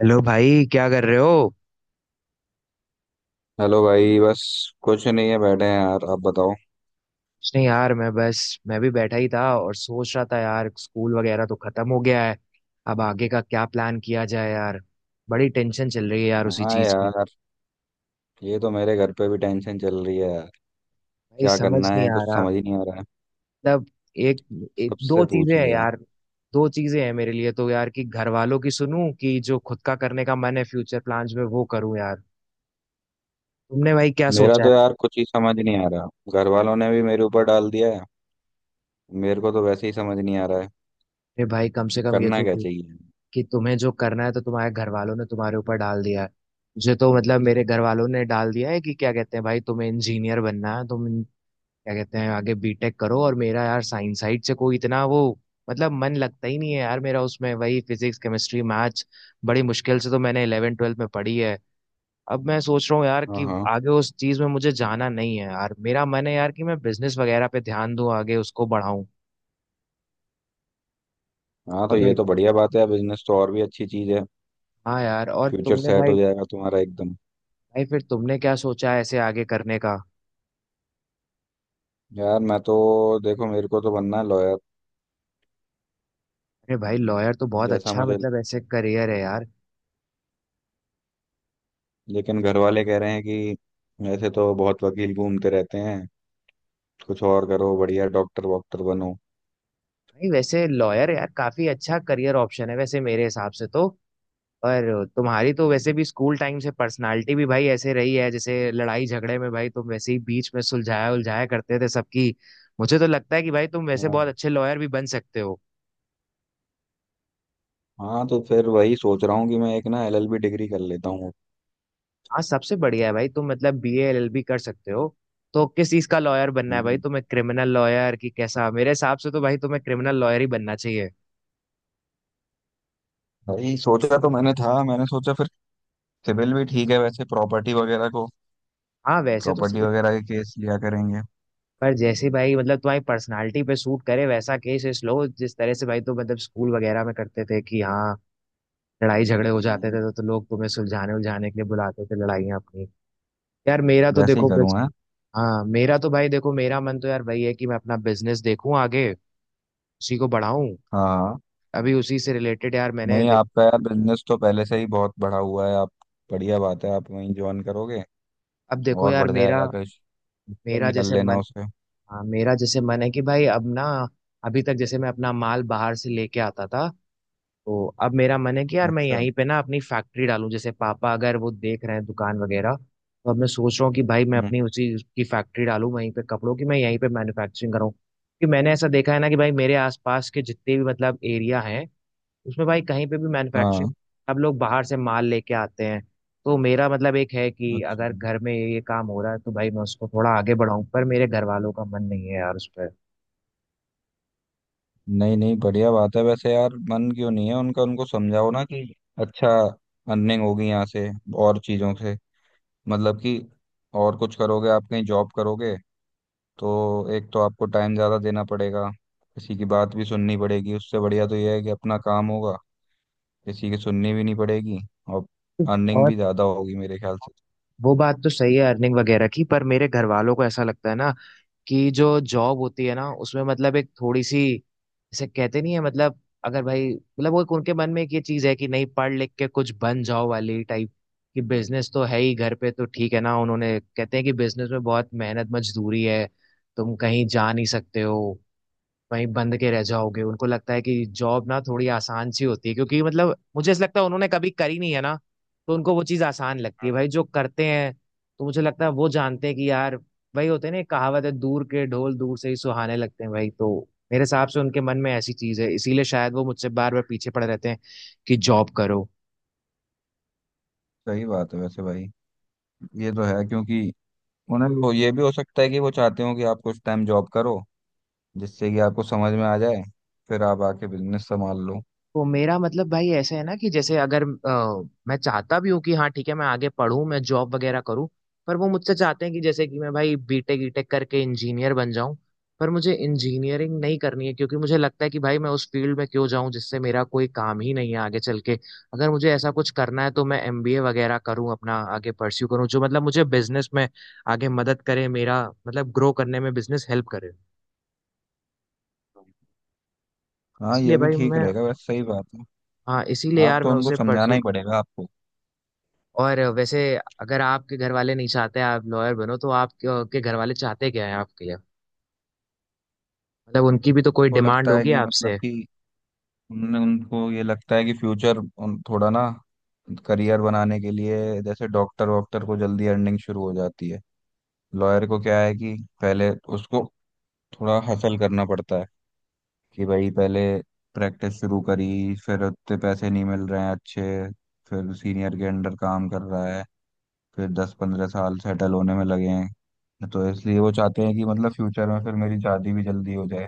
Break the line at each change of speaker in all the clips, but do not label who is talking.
Hello भाई, क्या कर रहे हो।
हेलो भाई, बस कुछ नहीं है, बैठे हैं यार। आप बताओ।
कुछ नहीं यार, मैं बस। मैं भी बैठा ही था और सोच रहा था यार, स्कूल वगैरह तो खत्म हो गया है। अब आगे का क्या प्लान किया जाए यार। बड़ी टेंशन चल रही है यार उसी
हाँ
चीज की।
यार, ये तो मेरे घर पे भी टेंशन चल रही है यार।
भाई
क्या
समझ
करना
नहीं
है
आ
कुछ
रहा।
समझ ही नहीं आ रहा है।
मतलब एक, एक दो
सबसे पूछ
चीजें हैं
लिया।
यार। दो चीजें हैं मेरे लिए तो यार, कि घर वालों की सुनूं कि जो खुद का करने का मन है फ्यूचर प्लान्स में वो करूं यार। तुमने भाई क्या
मेरा
सोचा है।
तो यार कुछ ही समझ नहीं आ रहा। घर वालों ने भी मेरे ऊपर डाल दिया है। मेरे को तो वैसे ही समझ नहीं आ रहा है
अरे भाई, कम
कि
से कम ये
करना
तो
क्या चाहिए।
कि तुम्हें जो करना है। तो तुम्हारे घर वालों ने तुम्हारे ऊपर डाल दिया है, मुझे तो मतलब मेरे घर वालों ने डाल दिया है कि क्या कहते हैं भाई तुम्हें इंजीनियर बनना है, तुम क्या कहते हैं आगे बीटेक करो। और मेरा यार साइंस साइड से कोई इतना वो। मतलब मन लगता ही नहीं है यार मेरा उसमें, वही फिजिक्स केमिस्ट्री मैथ्स। बड़ी मुश्किल से तो मैंने इलेवन ट्वेल्थ में पढ़ी है। अब मैं सोच रहा हूँ यार
हाँ
कि
हाँ।
आगे उस चीज में मुझे जाना नहीं है यार, मेरा मन है यार कि मैं बिजनेस वगैरह पे ध्यान दूं, आगे उसको बढ़ाऊं।
हाँ तो
और
ये
भाई।
तो बढ़िया बात है, बिजनेस तो और भी अच्छी चीज़ है।
हाँ यार, और
फ्यूचर
तुमने
सेट
भाई।
हो जाएगा तुम्हारा एकदम।
भाई फिर तुमने क्या सोचा है ऐसे आगे करने का।
यार मैं तो, देखो मेरे को तो बनना है लॉयर
अरे भाई लॉयर तो बहुत
जैसा
अच्छा,
मुझे।
मतलब ऐसे करियर है यार।
लेकिन घर वाले कह रहे हैं कि ऐसे तो बहुत वकील घूमते रहते हैं, कुछ और करो, बढ़िया डॉक्टर वॉक्टर बनो।
भाई वैसे लॉयर यार काफी अच्छा करियर ऑप्शन है वैसे मेरे हिसाब से तो। और तुम्हारी तो वैसे भी स्कूल टाइम से पर्सनालिटी भी भाई ऐसे रही है, जैसे लड़ाई झगड़े में भाई तुम वैसे ही बीच में सुलझाया उलझाया करते थे सबकी। मुझे तो लगता है कि भाई तुम वैसे बहुत
हाँ।
अच्छे लॉयर भी बन सकते हो।
हाँ तो फिर वही सोच रहा हूँ कि मैं एक ना एलएलबी डिग्री कर लेता हूँ।
हाँ सबसे बढ़िया है भाई, तुम मतलब B A L L B कर सकते हो। तो किस चीज का लॉयर बनना है भाई
हम्म।
तुम्हें, क्रिमिनल लॉयर की कैसा? मेरे हिसाब से तो भाई तुम्हें क्रिमिनल लॉयर ही बनना चाहिए।
वही सोचा तो मैंने था, मैंने सोचा फिर सिविल भी ठीक है वैसे, प्रॉपर्टी वगैरह को,
हाँ वैसे तो।
प्रॉपर्टी वगैरह के केस लिया करेंगे।
पर जैसे भाई मतलब तुम्हारी पर्सनालिटी पे सूट करे वैसा केस इस लो, जिस तरह से भाई, तो मतलब स्कूल वगैरह में करते थे कि हाँ लड़ाई झगड़े हो जाते
हम्म।
थे तो लोग तुम्हें सुलझाने उलझाने के लिए बुलाते थे लड़ाइयाँ अपनी। यार मेरा तो
वैसे ही
देखो
करूँ
बस।
है।
हाँ मेरा तो भाई देखो, मेरा मन तो यार वही है कि मैं अपना बिजनेस देखूं आगे, उसी को बढ़ाऊं।
हाँ।
अभी उसी से रिलेटेड यार मैंने
नहीं,
देखो।
आपका यार बिजनेस तो पहले से ही बहुत बढ़ा हुआ है आप। बढ़िया बात है, आप वहीं ज्वाइन करोगे
अब देखो
और
यार
बढ़
मेरा।
जाएगा कुछ,
मेरा
एक्सपेंड कर
जैसे
लेना
मन।
उसे।
हाँ मेरा जैसे मन है कि भाई अब ना, अभी तक जैसे मैं अपना माल बाहर से लेके आता था, तो अब मेरा मन है कि यार मैं
अच्छा।
यहीं पे ना अपनी फैक्ट्री डालूं। जैसे पापा अगर वो देख रहे हैं दुकान वगैरह तो अब मैं सोच रहा हूँ कि भाई मैं
हम्म।
अपनी उसी की फैक्ट्री डालूं वहीं पे, कपड़ों की। मैं यहीं पे मैन्युफैक्चरिंग करूँ, कि मैंने ऐसा देखा है ना कि भाई मेरे आसपास के जितने भी मतलब एरिया हैं उसमें भाई कहीं पे भी मैन्युफैक्चरिंग,
हाँ।
सब लोग बाहर से माल लेके आते हैं। तो मेरा मतलब एक है कि अगर
अच्छा,
घर में ये काम हो रहा है तो भाई मैं उसको थोड़ा आगे बढ़ाऊं, पर मेरे घर वालों का मन नहीं है यार उस पर।
नहीं नहीं, बढ़िया बात है वैसे यार। मन क्यों नहीं है उनका, उनको समझाओ ना कि। अच्छा। अर्निंग होगी यहाँ से और चीज़ों से, मतलब कि और कुछ करोगे आप, कहीं जॉब करोगे तो एक तो आपको टाइम ज़्यादा देना पड़ेगा, किसी की बात भी सुननी पड़ेगी। उससे बढ़िया तो यह है कि अपना काम होगा, किसी की सुननी भी नहीं पड़ेगी, और अर्निंग
और
भी ज़्यादा होगी मेरे ख्याल से।
वो बात तो सही है अर्निंग वगैरह की, पर मेरे घर वालों को ऐसा लगता है ना कि जो जॉब होती है ना उसमें मतलब एक थोड़ी सी, जैसे कहते नहीं है मतलब, अगर भाई मतलब वो एक उनके मन में एक ये चीज है कि नहीं पढ़ लिख के कुछ बन जाओ वाली टाइप, कि बिजनेस तो है ही घर पे तो ठीक है ना। उन्होंने कहते हैं कि बिजनेस में बहुत मेहनत मजदूरी है, तुम कहीं जा नहीं सकते हो, वहीं बंद के रह जाओगे। उनको लगता है कि जॉब ना थोड़ी आसान सी होती है, क्योंकि मतलब मुझे ऐसा लगता है उन्होंने कभी करी नहीं है ना तो उनको वो चीज़ आसान लगती है भाई जो करते हैं। तो मुझे लगता है वो जानते हैं कि यार भाई होते हैं ना, एक कहावत है, दूर के ढोल दूर से ही सुहाने लगते हैं भाई, तो मेरे हिसाब से उनके मन में ऐसी चीज़ है, इसीलिए शायद वो मुझसे बार बार पीछे पड़े रहते हैं कि जॉब करो।
सही बात है वैसे भाई, ये तो है, क्योंकि उन्हें वो, ये भी हो सकता है कि वो चाहते हो कि आप कुछ टाइम जॉब करो जिससे कि आपको समझ में आ जाए, फिर आप आके बिजनेस संभाल लो।
तो मेरा मतलब भाई ऐसे है ना, कि जैसे अगर मैं चाहता भी हूँ कि हाँ ठीक है, मैं आगे पढूं, मैं जॉब वगैरह करूँ, पर वो मुझसे चाहते हैं कि जैसे कि मैं भाई बीटेक ईटेक करके इंजीनियर बन जाऊं। पर मुझे इंजीनियरिंग नहीं करनी है क्योंकि मुझे लगता है कि भाई मैं उस फील्ड में क्यों जाऊं जिससे मेरा कोई काम ही नहीं है आगे चल के। अगर मुझे ऐसा कुछ करना है तो मैं एमबीए वगैरह करूं, अपना आगे परस्यू करूं जो मतलब मुझे बिजनेस में आगे मदद करे, मेरा मतलब ग्रो करने में बिजनेस हेल्प करे।
हाँ
इसलिए
ये भी
भाई
ठीक
मैं।
रहेगा वैसे, सही बात है।
हाँ इसीलिए
आप
यार
तो
मैं
उनको
उसे
समझाना
परस्यू।
ही पड़ेगा आपको।
और वैसे अगर आपके घर वाले नहीं चाहते आप लॉयर बनो तो आपके आपके घर वाले चाहते क्या है आपके लिए। मतलब उनकी भी तो कोई
उनको
डिमांड
लगता है
होगी
कि मतलब
आपसे।
कि उनने उनको ये लगता है कि फ्यूचर, उन थोड़ा ना, करियर बनाने के लिए जैसे डॉक्टर वॉक्टर को जल्दी अर्निंग शुरू हो जाती है। लॉयर को क्या है कि पहले उसको थोड़ा हसल करना पड़ता है, कि भाई पहले प्रैक्टिस शुरू करी, फिर उतने पैसे नहीं मिल रहे हैं अच्छे, फिर सीनियर के अंडर काम कर रहा है, फिर 10-15 साल सेटल होने में लगे हैं, तो इसलिए वो चाहते हैं कि मतलब फ्यूचर में फिर मेरी शादी भी जल्दी हो जाए।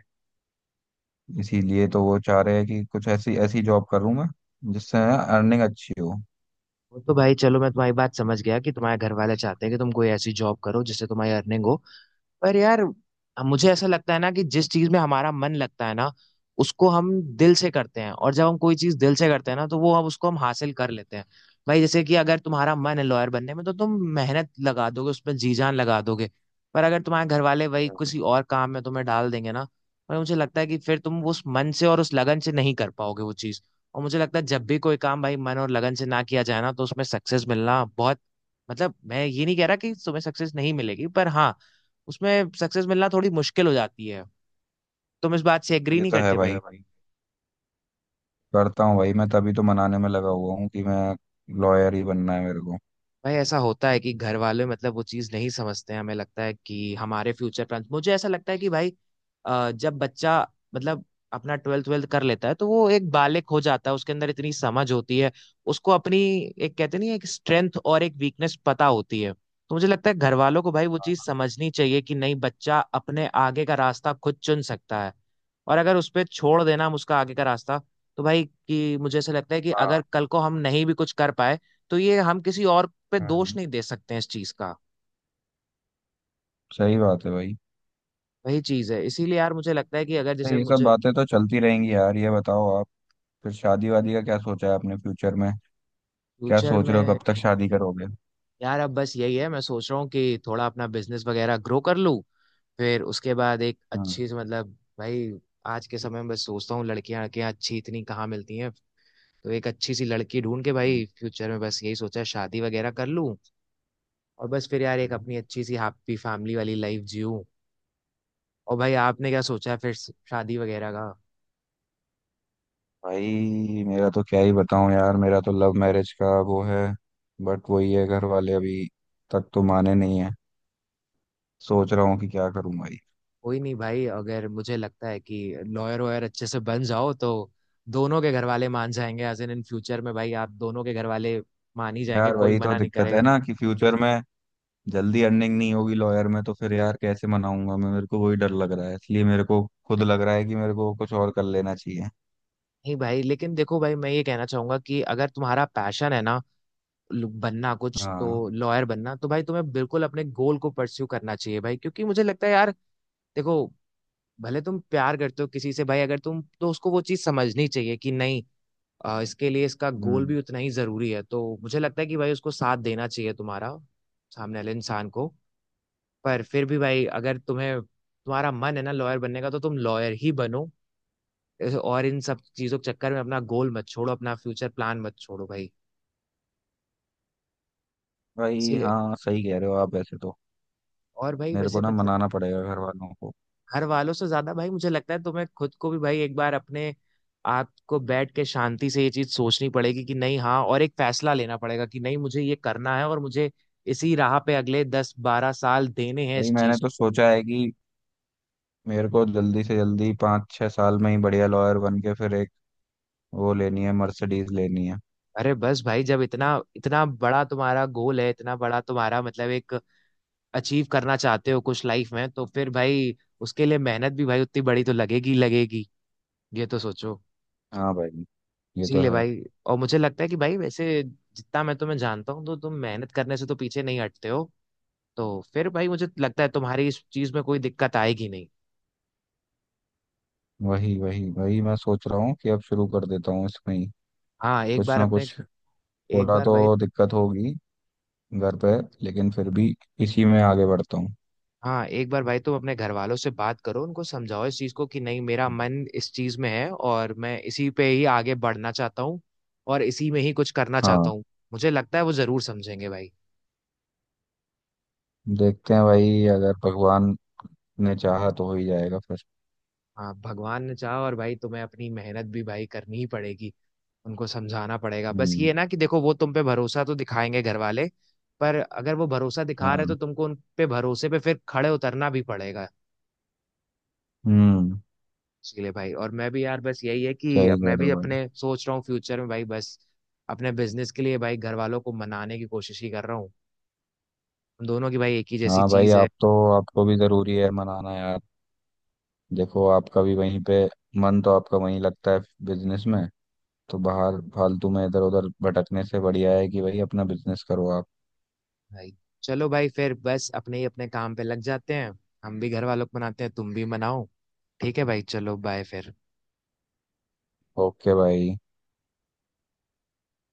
इसीलिए तो वो चाह रहे हैं कि कुछ ऐसी ऐसी जॉब करूँ मैं जिससे अर्निंग अच्छी हो।
वो तो भाई चलो मैं तुम्हारी बात समझ गया कि तुम्हारे घर वाले चाहते हैं कि तुम कोई ऐसी जॉब करो जिससे तुम्हारी अर्निंग हो। पर यार, मुझे ऐसा लगता है ना कि जिस चीज में हमारा मन लगता है ना, उसको हम दिल से करते हैं, और जब हम कोई चीज दिल से करते हैं ना तो वो हम उसको हम हासिल कर लेते हैं। भाई जैसे कि अगर तुम्हारा मन है लॉयर बनने में तो तुम मेहनत लगा दोगे उसमें, जी जान लगा दोगे। पर अगर तुम्हारे घर वाले वही किसी और काम में तुम्हें डाल देंगे ना, भाई मुझे लगता है कि फिर तुम उस मन से और उस लगन से नहीं कर पाओगे वो चीज। और मुझे लगता है जब भी कोई काम भाई मन और लगन से ना किया जाए ना तो उसमें सक्सेस मिलना बहुत। मतलब मैं ये नहीं कह रहा कि तुम्हें सक्सेस नहीं मिलेगी, पर हाँ, उसमें सक्सेस मिलना थोड़ी मुश्किल हो जाती है। तुम इस बात से एग्री
ये
नहीं
तो है
करते बिल्कुल
भाई,
भाई, है भाई?
करता हूँ भाई मैं, तभी तो मनाने में लगा हुआ हूँ कि मैं लॉयर ही बनना है मेरे को।
भाई ऐसा होता है कि घर वाले मतलब वो चीज नहीं समझते हैं, हमें लगता है कि हमारे फ्यूचर प्लान। मुझे ऐसा लगता है कि भाई जब बच्चा मतलब अपना ट्वेल्थ ट्वेल्थ कर लेता है तो वो एक बालिक हो जाता है, उसके अंदर इतनी समझ होती है। उसको अपनी एक कहते नहीं है, एक स्ट्रेंथ और एक वीकनेस पता होती है, तो मुझे लगता है घर वालों को भाई वो चीज समझनी चाहिए कि नहीं बच्चा अपने आगे का रास्ता खुद चुन सकता है। और अगर उस पे छोड़ देना हम उसका आगे का रास्ता, तो भाई कि मुझे ऐसा लगता है कि
हाँ।
अगर कल को हम नहीं भी कुछ कर पाए तो ये हम किसी और पे दोष
हम्म।
नहीं दे सकते हैं इस चीज का।
सही बात है भाई।
वही चीज है, इसीलिए यार मुझे लगता है कि अगर
तो
जैसे
ये सब
मुझे।
बातें तो चलती रहेंगी यार, ये बताओ आप, फिर शादी वादी का क्या सोचा है आपने फ्यूचर में? क्या
फ्यूचर
सोच रहे हो,
में
कब तक शादी करोगे?
यार अब बस यही है, मैं सोच रहा हूँ कि थोड़ा अपना बिजनेस वगैरह ग्रो कर लूँ, फिर उसके बाद एक
हाँ।
अच्छी सी मतलब भाई। आज के समय में बस सोचता हूँ, लड़कियां लड़कियां अच्छी इतनी कहाँ मिलती हैं। तो एक अच्छी सी लड़की ढूंढ के
हाँ।
भाई फ्यूचर में बस यही सोचा है, शादी वगैरह कर लूँ। और बस फिर यार एक अपनी अच्छी सी हैप्पी फैमिली वाली लाइफ जीऊँ। और भाई आपने क्या सोचा है फिर शादी वगैरह का।
भाई मेरा तो क्या ही बताऊं यार, मेरा तो लव मैरिज का वो है, बट वही है घर वाले अभी तक तो माने नहीं है। सोच रहा हूँ कि क्या करूं भाई।
कोई नहीं भाई, अगर मुझे लगता है कि लॉयर वॉयर अच्छे से बन जाओ तो दोनों के घर वाले मान जाएंगे, एज इन इन फ्यूचर में भाई आप दोनों के घर वाले मान ही जाएंगे,
यार
कोई
वही तो
मना नहीं
दिक्कत है
करेगा।
ना कि फ्यूचर में जल्दी अर्निंग नहीं होगी लॉयर में, तो फिर यार कैसे मनाऊंगा मैं, मेरे को वही डर लग रहा है, इसलिए मेरे को खुद लग रहा है कि मेरे को कुछ और कर लेना चाहिए।
नहीं भाई, लेकिन देखो भाई, मैं ये कहना चाहूंगा कि अगर तुम्हारा पैशन है ना बनना कुछ
हाँ।
तो। लॉयर बनना, तो भाई तुम्हें बिल्कुल अपने गोल को परस्यू करना चाहिए भाई, क्योंकि मुझे लगता है यार देखो, भले तुम प्यार करते हो किसी से भाई, अगर तुम तो उसको वो चीज समझनी चाहिए कि नहीं, इसके लिए इसका गोल
हम्म।
भी उतना ही जरूरी है, तो मुझे लगता है कि भाई उसको साथ देना चाहिए तुम्हारा, सामने वाले इंसान को। पर फिर भी भाई, अगर तुम्हें तुम्हारा मन है ना लॉयर बनने का तो तुम लॉयर ही बनो। और इन सब चीजों के चक्कर में अपना गोल मत छोड़ो, अपना फ्यूचर प्लान मत छोड़ो भाई।
भाई
इसीलिए,
हाँ सही कह रहे हो आप वैसे तो।
और भाई
मेरे
वैसे
को ना मनाना पड़ेगा घर वालों को।
घर वालों से ज्यादा भाई मुझे लगता है तुम्हें खुद को भी भाई एक बार अपने आप को बैठ के शांति से ये चीज सोचनी पड़ेगी कि नहीं हाँ, और एक फैसला लेना पड़ेगा कि नहीं मुझे ये करना है, और मुझे इसी राह पे अगले 10-12 साल देने हैं
भाई
इस
मैंने
चीज।
तो सोचा है कि मेरे को जल्दी से जल्दी 5-6 साल में ही बढ़िया लॉयर बन के फिर एक, वो लेनी है, मर्सिडीज लेनी है।
अरे बस भाई, जब इतना इतना बड़ा तुम्हारा गोल है, इतना बड़ा तुम्हारा मतलब एक अचीव करना चाहते हो कुछ लाइफ में, तो फिर भाई उसके लिए मेहनत भी भाई उतनी बड़ी तो लगेगी लगेगी, ये तो सोचो।
हाँ भाई, ये तो
इसीलिए
है।
भाई, और मुझे लगता है कि भाई वैसे जितना मैं तुम्हें जानता हूँ तो तुम मेहनत करने से तो पीछे नहीं हटते हो, तो फिर भाई मुझे लगता है तुम्हारी इस चीज में कोई दिक्कत आएगी नहीं।
वही वही वही मैं सोच रहा हूँ कि अब शुरू कर देता हूँ इसमें ही
हाँ एक
कुछ
बार
ना
अपने।
कुछ।
एक
थोड़ा
बार भाई।
तो दिक्कत होगी घर पे, लेकिन फिर भी इसी में आगे बढ़ता हूँ।
हाँ एक बार भाई तुम अपने घर वालों से बात करो, उनको समझाओ इस चीज को कि नहीं मेरा मन इस चीज में है और मैं इसी पे ही आगे बढ़ना चाहता हूँ, और इसी में ही कुछ करना
हाँ।
चाहता हूँ। मुझे लगता है वो जरूर समझेंगे भाई।
देखते हैं भाई, अगर भगवान ने चाहा तो हो ही जाएगा फिर।
हाँ भगवान ने चाहा, और भाई तुम्हें अपनी मेहनत भी भाई करनी ही पड़ेगी, उनको समझाना पड़ेगा। बस ये
हम्म।
है ना कि देखो वो तुम पे भरोसा तो दिखाएंगे घर वाले, पर अगर वो भरोसा दिखा रहे तो
हाँ।
तुमको उन पे भरोसे पे फिर खड़े उतरना भी पड़ेगा।
हम्म।
इसीलिए भाई, और मैं भी यार बस यही है कि
सही
अब
कह
मैं
रहे
भी
हो भाई।
अपने सोच रहा हूँ फ्यूचर में भाई बस अपने बिजनेस के लिए भाई घर वालों को मनाने की कोशिश ही कर रहा हूँ। हम दोनों की भाई एक ही जैसी
हाँ भाई,
चीज है।
आप तो, आपको भी जरूरी है मनाना यार। देखो आपका भी वहीं पे, मन तो आपका वहीं लगता है बिजनेस में, तो बाहर फालतू में इधर उधर भटकने से बढ़िया है कि भाई अपना बिजनेस करो आप।
भाई चलो भाई, फिर बस अपने ही अपने काम पे लग जाते हैं। हम भी घर वालों को मनाते हैं, तुम भी मनाओ। ठीक है भाई, चलो बाय फिर।
ओके भाई।